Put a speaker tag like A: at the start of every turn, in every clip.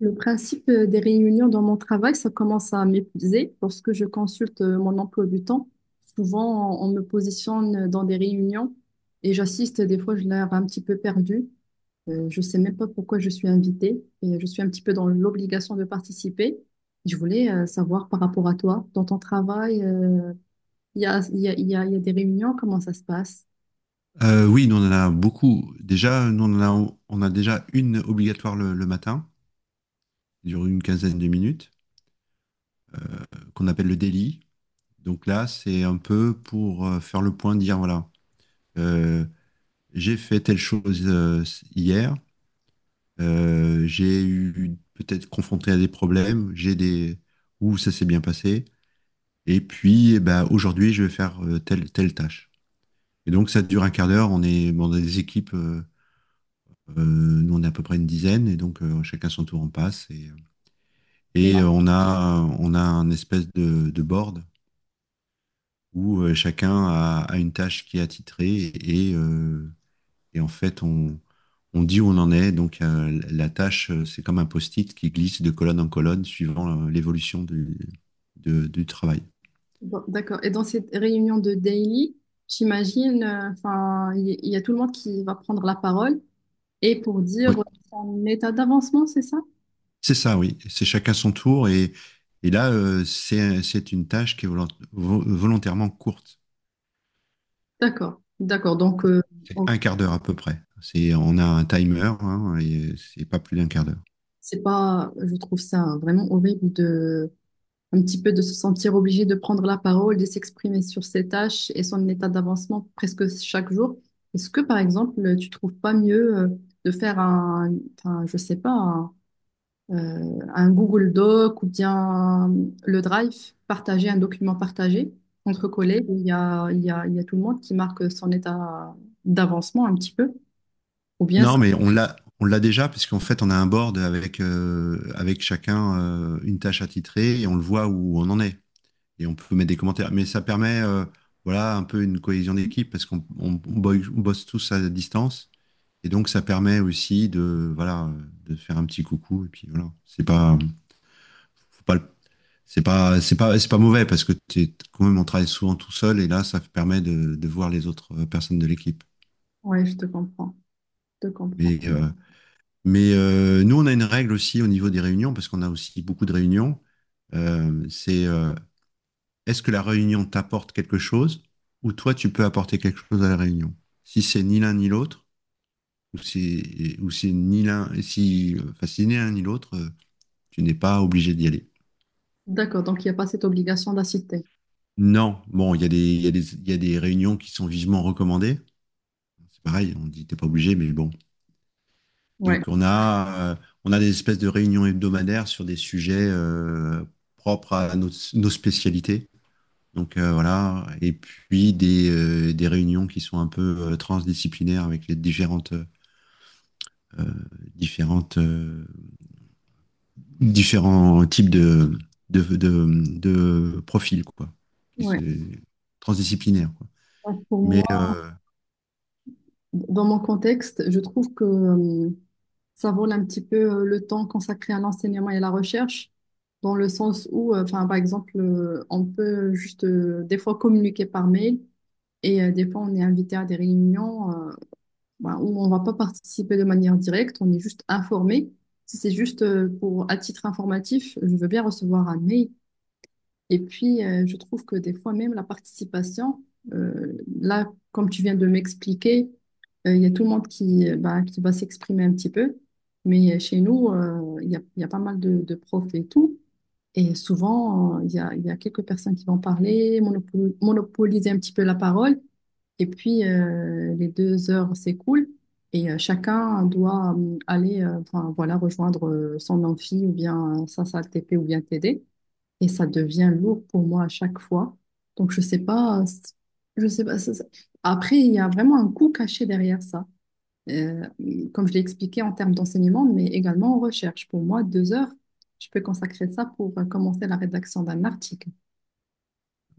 A: Le principe des réunions dans mon travail, ça commence à m'épuiser lorsque je consulte mon emploi du temps. Souvent, on me positionne dans des réunions et j'assiste. Des fois, je ai l'air un petit peu perdue. Je sais même pas pourquoi je suis invitée et je suis un petit peu dans l'obligation de participer. Je voulais savoir par rapport à toi, dans ton travail, il y a, il y a, il y a, il y a des réunions, comment ça se passe?
B: Oui, nous on en a beaucoup. Déjà, nous on en a, on a déjà une obligatoire le matin, qui dure une quinzaine de minutes, qu'on appelle le daily. Donc là, c'est un peu pour faire le point, dire voilà, euh, j'ai fait telle chose hier, j'ai eu peut-être confronté à des problèmes, j'ai des où ça s'est bien passé, et puis eh ben, aujourd'hui je vais faire telle tâche. Et donc ça dure un quart d'heure. On est dans des équipes. Nous, on est à peu près une dizaine, et donc chacun son tour en passe. Et, euh,
A: Et,
B: et euh, on a un espèce de board où chacun a, a une tâche qui est attitrée, et en fait, on dit où on en est. Donc, la tâche, c'est comme un post-it qui glisse de colonne en colonne suivant l'évolution du, du travail.
A: bon, d'accord. Et dans cette réunion de daily, j'imagine, enfin, il y a tout le monde qui va prendre la parole. Et pour
B: Oui,
A: dire en état d'avancement, c'est ça?
B: c'est ça, oui. C'est chacun son tour, et là, c'est une tâche qui est volontairement courte.
A: D'accord, d'accord. Donc,
B: C'est
A: on-
B: un quart d'heure à peu près. C'est, on a un timer, hein, et c'est pas plus d'un quart d'heure.
A: c'est pas, je trouve ça vraiment horrible de, un petit peu de se sentir obligé de prendre la parole, de s'exprimer sur ses tâches et son état d'avancement presque chaque jour. Est-ce que, par exemple, tu trouves pas mieux de faire un, enfin, je sais pas, un Google Doc ou bien le Drive, partager un document partagé entre collègues, où Il y a, il y a, il y a tout le monde qui marque son état d'avancement un petit peu. Ou bien,
B: Non, mais on l'a déjà, puisqu'en fait, on a un board avec, avec chacun une tâche attitrée et on le voit où on en est. Et on peut mettre des commentaires. Mais ça permet, voilà, un peu une cohésion d'équipe parce qu'on on bosse tous à distance. Et donc, ça permet aussi de, voilà, de faire un petit coucou. Et puis, voilà, faut pas le c'est pas mauvais parce que t'es quand même on travaille souvent tout seul et là ça permet de voir les autres personnes de l'équipe.
A: ouais, je te comprends.
B: Mais euh, Nous on a une règle aussi au niveau des réunions parce qu'on a aussi beaucoup de réunions. C'est Est-ce que la réunion t'apporte quelque chose ou toi tu peux apporter quelque chose à la réunion. Si c'est ni l'un ni l'autre ou si ou c'est ni l'un si enfin si ni l'un ni l'autre, tu n'es pas obligé d'y aller.
A: D'accord, donc il n'y a pas cette obligation d'assister.
B: Non, bon, il y a des réunions qui sont vivement recommandées. C'est pareil, on dit t'es pas obligé, mais bon.
A: Ouais,
B: Donc on a des espèces de réunions hebdomadaires sur des sujets propres à nos, nos spécialités. Donc voilà, et puis des réunions qui sont un peu transdisciplinaires avec les différentes, euh, différentes, euh, différents types de profils, quoi, qui se-
A: ouais.
B: transdisciplinaires, quoi.
A: Donc, pour
B: Mais
A: moi,
B: euh,
A: dans mon contexte, je trouve que ça vole un petit peu le temps consacré à l'enseignement et à la recherche, dans le sens où, enfin, par exemple, on peut juste des fois communiquer par mail. Et des fois, on est invité à des réunions bah, où on ne va pas participer de manière directe, on est juste informé. Si c'est juste pour, à titre informatif, je veux bien recevoir un mail. Et puis, je trouve que des fois, même la participation, là, comme tu viens de m'expliquer, il y a tout le monde qui, bah, qui va s'exprimer un petit peu. Mais chez nous, il y a pas mal de profs et tout. Et souvent, il y a quelques personnes qui vont parler, monopoliser un petit peu la parole. Et puis, les 2 heures s'écoulent et chacun doit aller enfin, voilà, rejoindre son amphi ou bien sa salle TP ou bien TD. Et ça devient lourd pour moi à chaque fois. Donc, je sais pas, je sais pas. Après, il y a vraiment un coût caché derrière ça. Comme je l'ai expliqué en termes d'enseignement, mais également en recherche. Pour moi, 2 heures, je peux consacrer ça pour commencer la rédaction d'un article.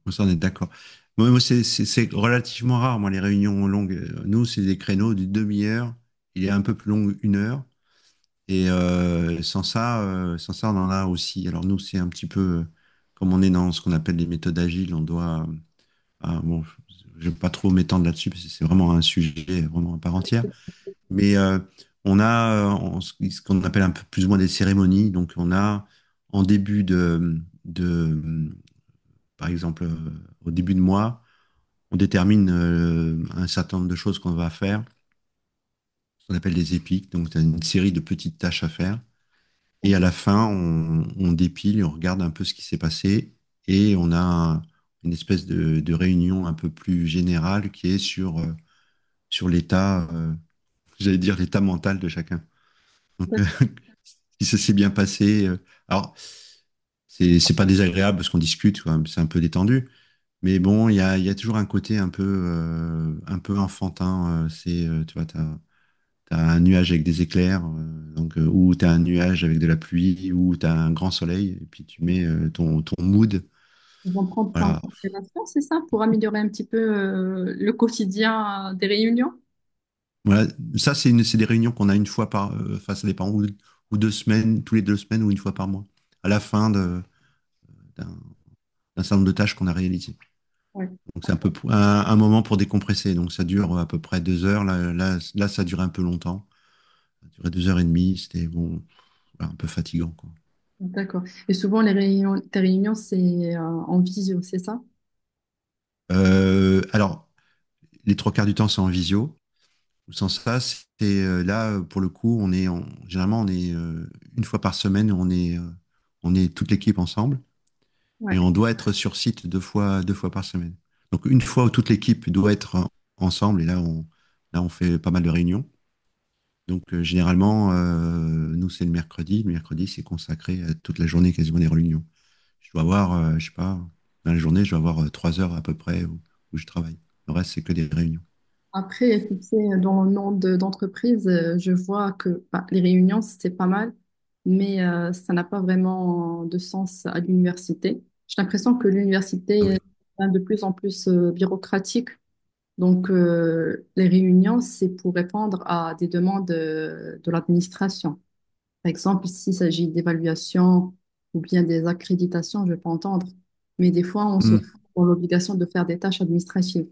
B: Moi, ça, on est d'accord. Moi, c'est c'est relativement rare, moi, les réunions longues. Nous, c'est des créneaux d'une demi-heure. Il est un peu plus long, une heure. Et sans ça, on en a aussi. Alors, nous, c'est un petit peu, comme on est dans ce qu'on appelle les méthodes agiles, on doit. Ah, bon, je ne vais pas trop m'étendre là-dessus, parce que c'est vraiment un sujet vraiment à part entière. Mais euh, on a ce qu'on appelle un peu plus ou moins des cérémonies. Donc, on a en début de par exemple, au début de mois, on détermine un certain nombre de choses qu'on va faire, ce qu'on appelle des épiques, donc tu une série de petites tâches à faire. Et à la fin, on dépile et on regarde un peu ce qui s'est passé et on a une espèce de réunion un peu plus générale qui est sur, sur l'état, j'allais dire l'état mental de chacun. Donc, si ça s'est bien passé, alors c'est pas désagréable parce qu'on discute, quoi, c'est un peu détendu. Mais bon, il y a toujours un côté un peu enfantin. Tu vois, t'as un nuage avec des éclairs, ou t'as un nuage avec de la pluie, ou t'as un grand soleil, et puis tu mets ton, ton mood.
A: Ils vont prendre ça en
B: Voilà.
A: considération, c'est ça, pour améliorer un petit peu le quotidien des réunions?
B: Voilà. Ça, c'est c'est des réunions qu'on a une fois par, enfin, ça dépend, ou deux semaines, tous les deux semaines, ou une fois par mois, à la fin d'un d'un certain nombre de tâches qu'on a réalisées.
A: Ouais,
B: Donc, c'est un peu un moment pour décompresser. Donc, ça dure à peu près deux heures. Là, ça dure un peu longtemps. Ça durait deux heures et demie. C'était bon, voilà, un peu fatigant, quoi.
A: d'accord. Et souvent, les réunions, tes réunions, c'est en visio, c'est ça?
B: Alors, les trois quarts du temps, c'est en visio. Sans ça, c'est là pour le coup, on est en, généralement on est une fois par semaine, on est toute l'équipe ensemble
A: Ouais.
B: et on doit être sur site deux fois par semaine. Donc une fois où toute l'équipe doit être ensemble et là on fait pas mal de réunions. Donc généralement nous c'est le mercredi c'est consacré à toute la journée quasiment des réunions. Je dois avoir je sais pas dans la journée je dois avoir trois heures à peu près où, où je travaille. Le reste c'est que des réunions.
A: Après, tu sais, dans le monde d'entreprise, je vois que bah, les réunions, c'est pas mal, mais ça n'a pas vraiment de sens à l'université. J'ai l'impression que
B: Ah
A: l'université
B: oui.
A: est de plus en plus bureaucratique. Donc, les réunions, c'est pour répondre à des demandes de, l'administration. Par exemple, s'il s'agit d'évaluation ou bien des accréditations, je peux entendre. Mais des fois, on se retrouve
B: Mmh.
A: dans l'obligation de faire des tâches administratives.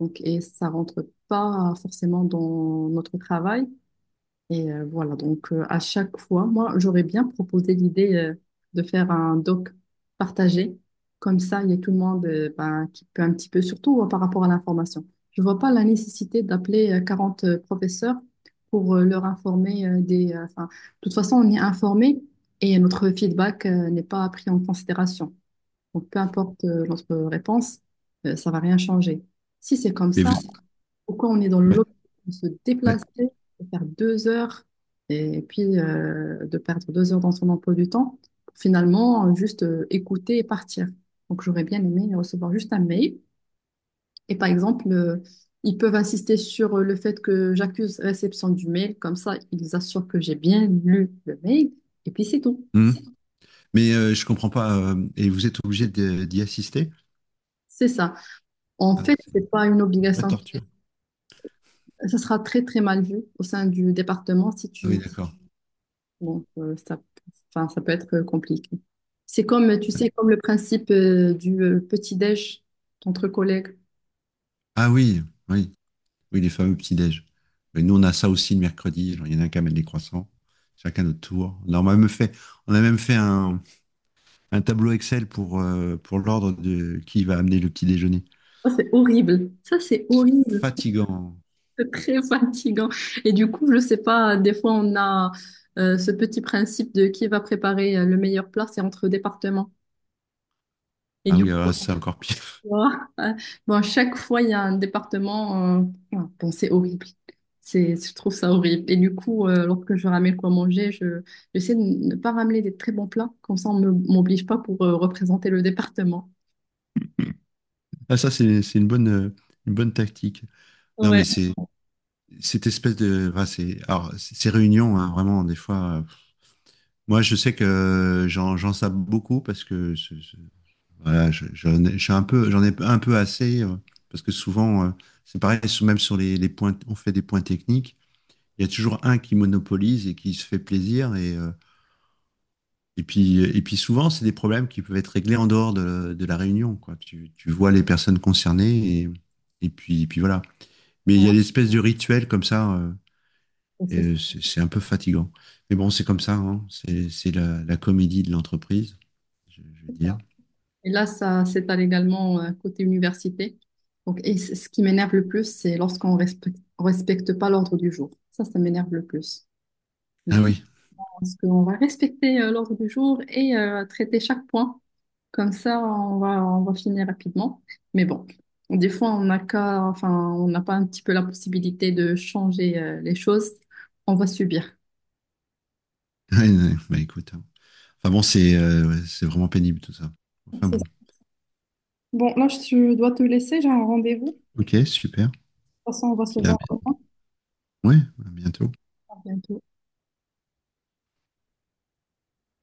A: Donc, et ça rentre pas forcément dans notre travail. Et voilà, donc à chaque fois, moi, j'aurais bien proposé l'idée de faire un doc partagé. Comme ça, il y a tout le monde ben, qui peut un petit peu, surtout par rapport à l'information. Je vois pas la nécessité d'appeler 40 professeurs pour leur informer enfin, de toute façon, on est informé et notre feedback n'est pas pris en considération. Donc, peu importe notre réponse, ça va rien changer. Si c'est comme
B: Et
A: ça,
B: vous...
A: pourquoi on est dans
B: Ouais.
A: l'autre, on se
B: Ouais.
A: déplacer, de faire 2 heures, et puis de perdre 2 heures dans son emploi du temps, pour finalement juste écouter et partir. Donc j'aurais bien aimé recevoir juste un mail. Et par exemple, ils peuvent insister sur le fait que j'accuse réception du mail, comme ça ils assurent que j'ai bien lu le mail, et puis c'est tout.
B: Mmh. Je comprends pas. Et vous êtes obligé d'y assister?
A: C'est ça. En
B: Ah,
A: fait,
B: c'est une
A: c'est pas une
B: vraie
A: obligation.
B: torture.
A: Ça sera très très mal vu au sein du département si
B: Ah oui,
A: tu.
B: d'accord.
A: Donc, ça, enfin, ça peut être compliqué. C'est comme, tu sais, comme le principe du petit-déj entre collègues.
B: Ah oui, oui, oui, les fameux petits-déj. Et nous, on a ça aussi le mercredi. Genre, il y en a un qui amène des croissants, chacun notre tour. Alors, on a même fait un tableau Excel pour l'ordre de qui va amener le petit déjeuner.
A: Ça, c'est horrible. Ça, c'est
B: C'est
A: horrible.
B: fatigant.
A: C'est très fatigant. Et du coup, je sais pas, des fois, on a ce petit principe de qui va préparer le meilleur plat, c'est entre départements. Et
B: Ah
A: du
B: oui, alors là,
A: coup,
B: c'est encore pire.
A: moi, bon, à chaque fois, il y a un département. Bon, c'est horrible. C'est, je trouve ça horrible. Et du coup, lorsque je ramène quoi manger, je, j'essaie de ne pas ramener des très bons plats. Comme ça, on ne m'oblige pas pour représenter le département.
B: Ah, ça, c'est une bonne tactique. Non,
A: Ouais.
B: mais c'est cette espèce de. Enfin, c'est, alors, ces réunions, hein, vraiment, des fois. Moi, je sais que j'en sape beaucoup parce que voilà, je suis un peu, j'en ai un peu assez parce que souvent, c'est pareil, même sur les points, on fait des points techniques, il y a toujours un qui monopolise et qui se fait plaisir et puis souvent, c'est des problèmes qui peuvent être réglés en dehors de la réunion, quoi. Tu vois les personnes concernées et puis voilà. Mais il
A: Ouais,
B: y a l'espèce de rituel comme ça,
A: c'est ça,
B: et c'est un peu fatigant. Mais bon, c'est comme ça, hein. C'est la, la comédie de l'entreprise. Je veux dire.
A: quoi. Et là, ça s'étale également côté université. Donc, et ce qui m'énerve le plus, c'est lorsqu'on respecte pas l'ordre du jour. Ça m'énerve le plus. Mm.
B: Ah oui,
A: Pense qu'on va respecter l'ordre du jour et traiter chaque point. Comme ça, on va finir rapidement. Mais bon, des fois, on n'a qu'à, enfin, on n'a pas un petit peu la possibilité de changer les choses. On va subir.
B: ouais, ouais, bah écoute. Hein. Enfin bon, c'est ouais, c'est vraiment pénible tout ça. Enfin
A: C'est
B: bon.
A: ça. Bon, là, je dois te laisser, j'ai un rendez-vous. De
B: Ok, super.
A: toute façon, on va se
B: Puis à-
A: voir demain.
B: ouais, à bientôt.
A: À bientôt.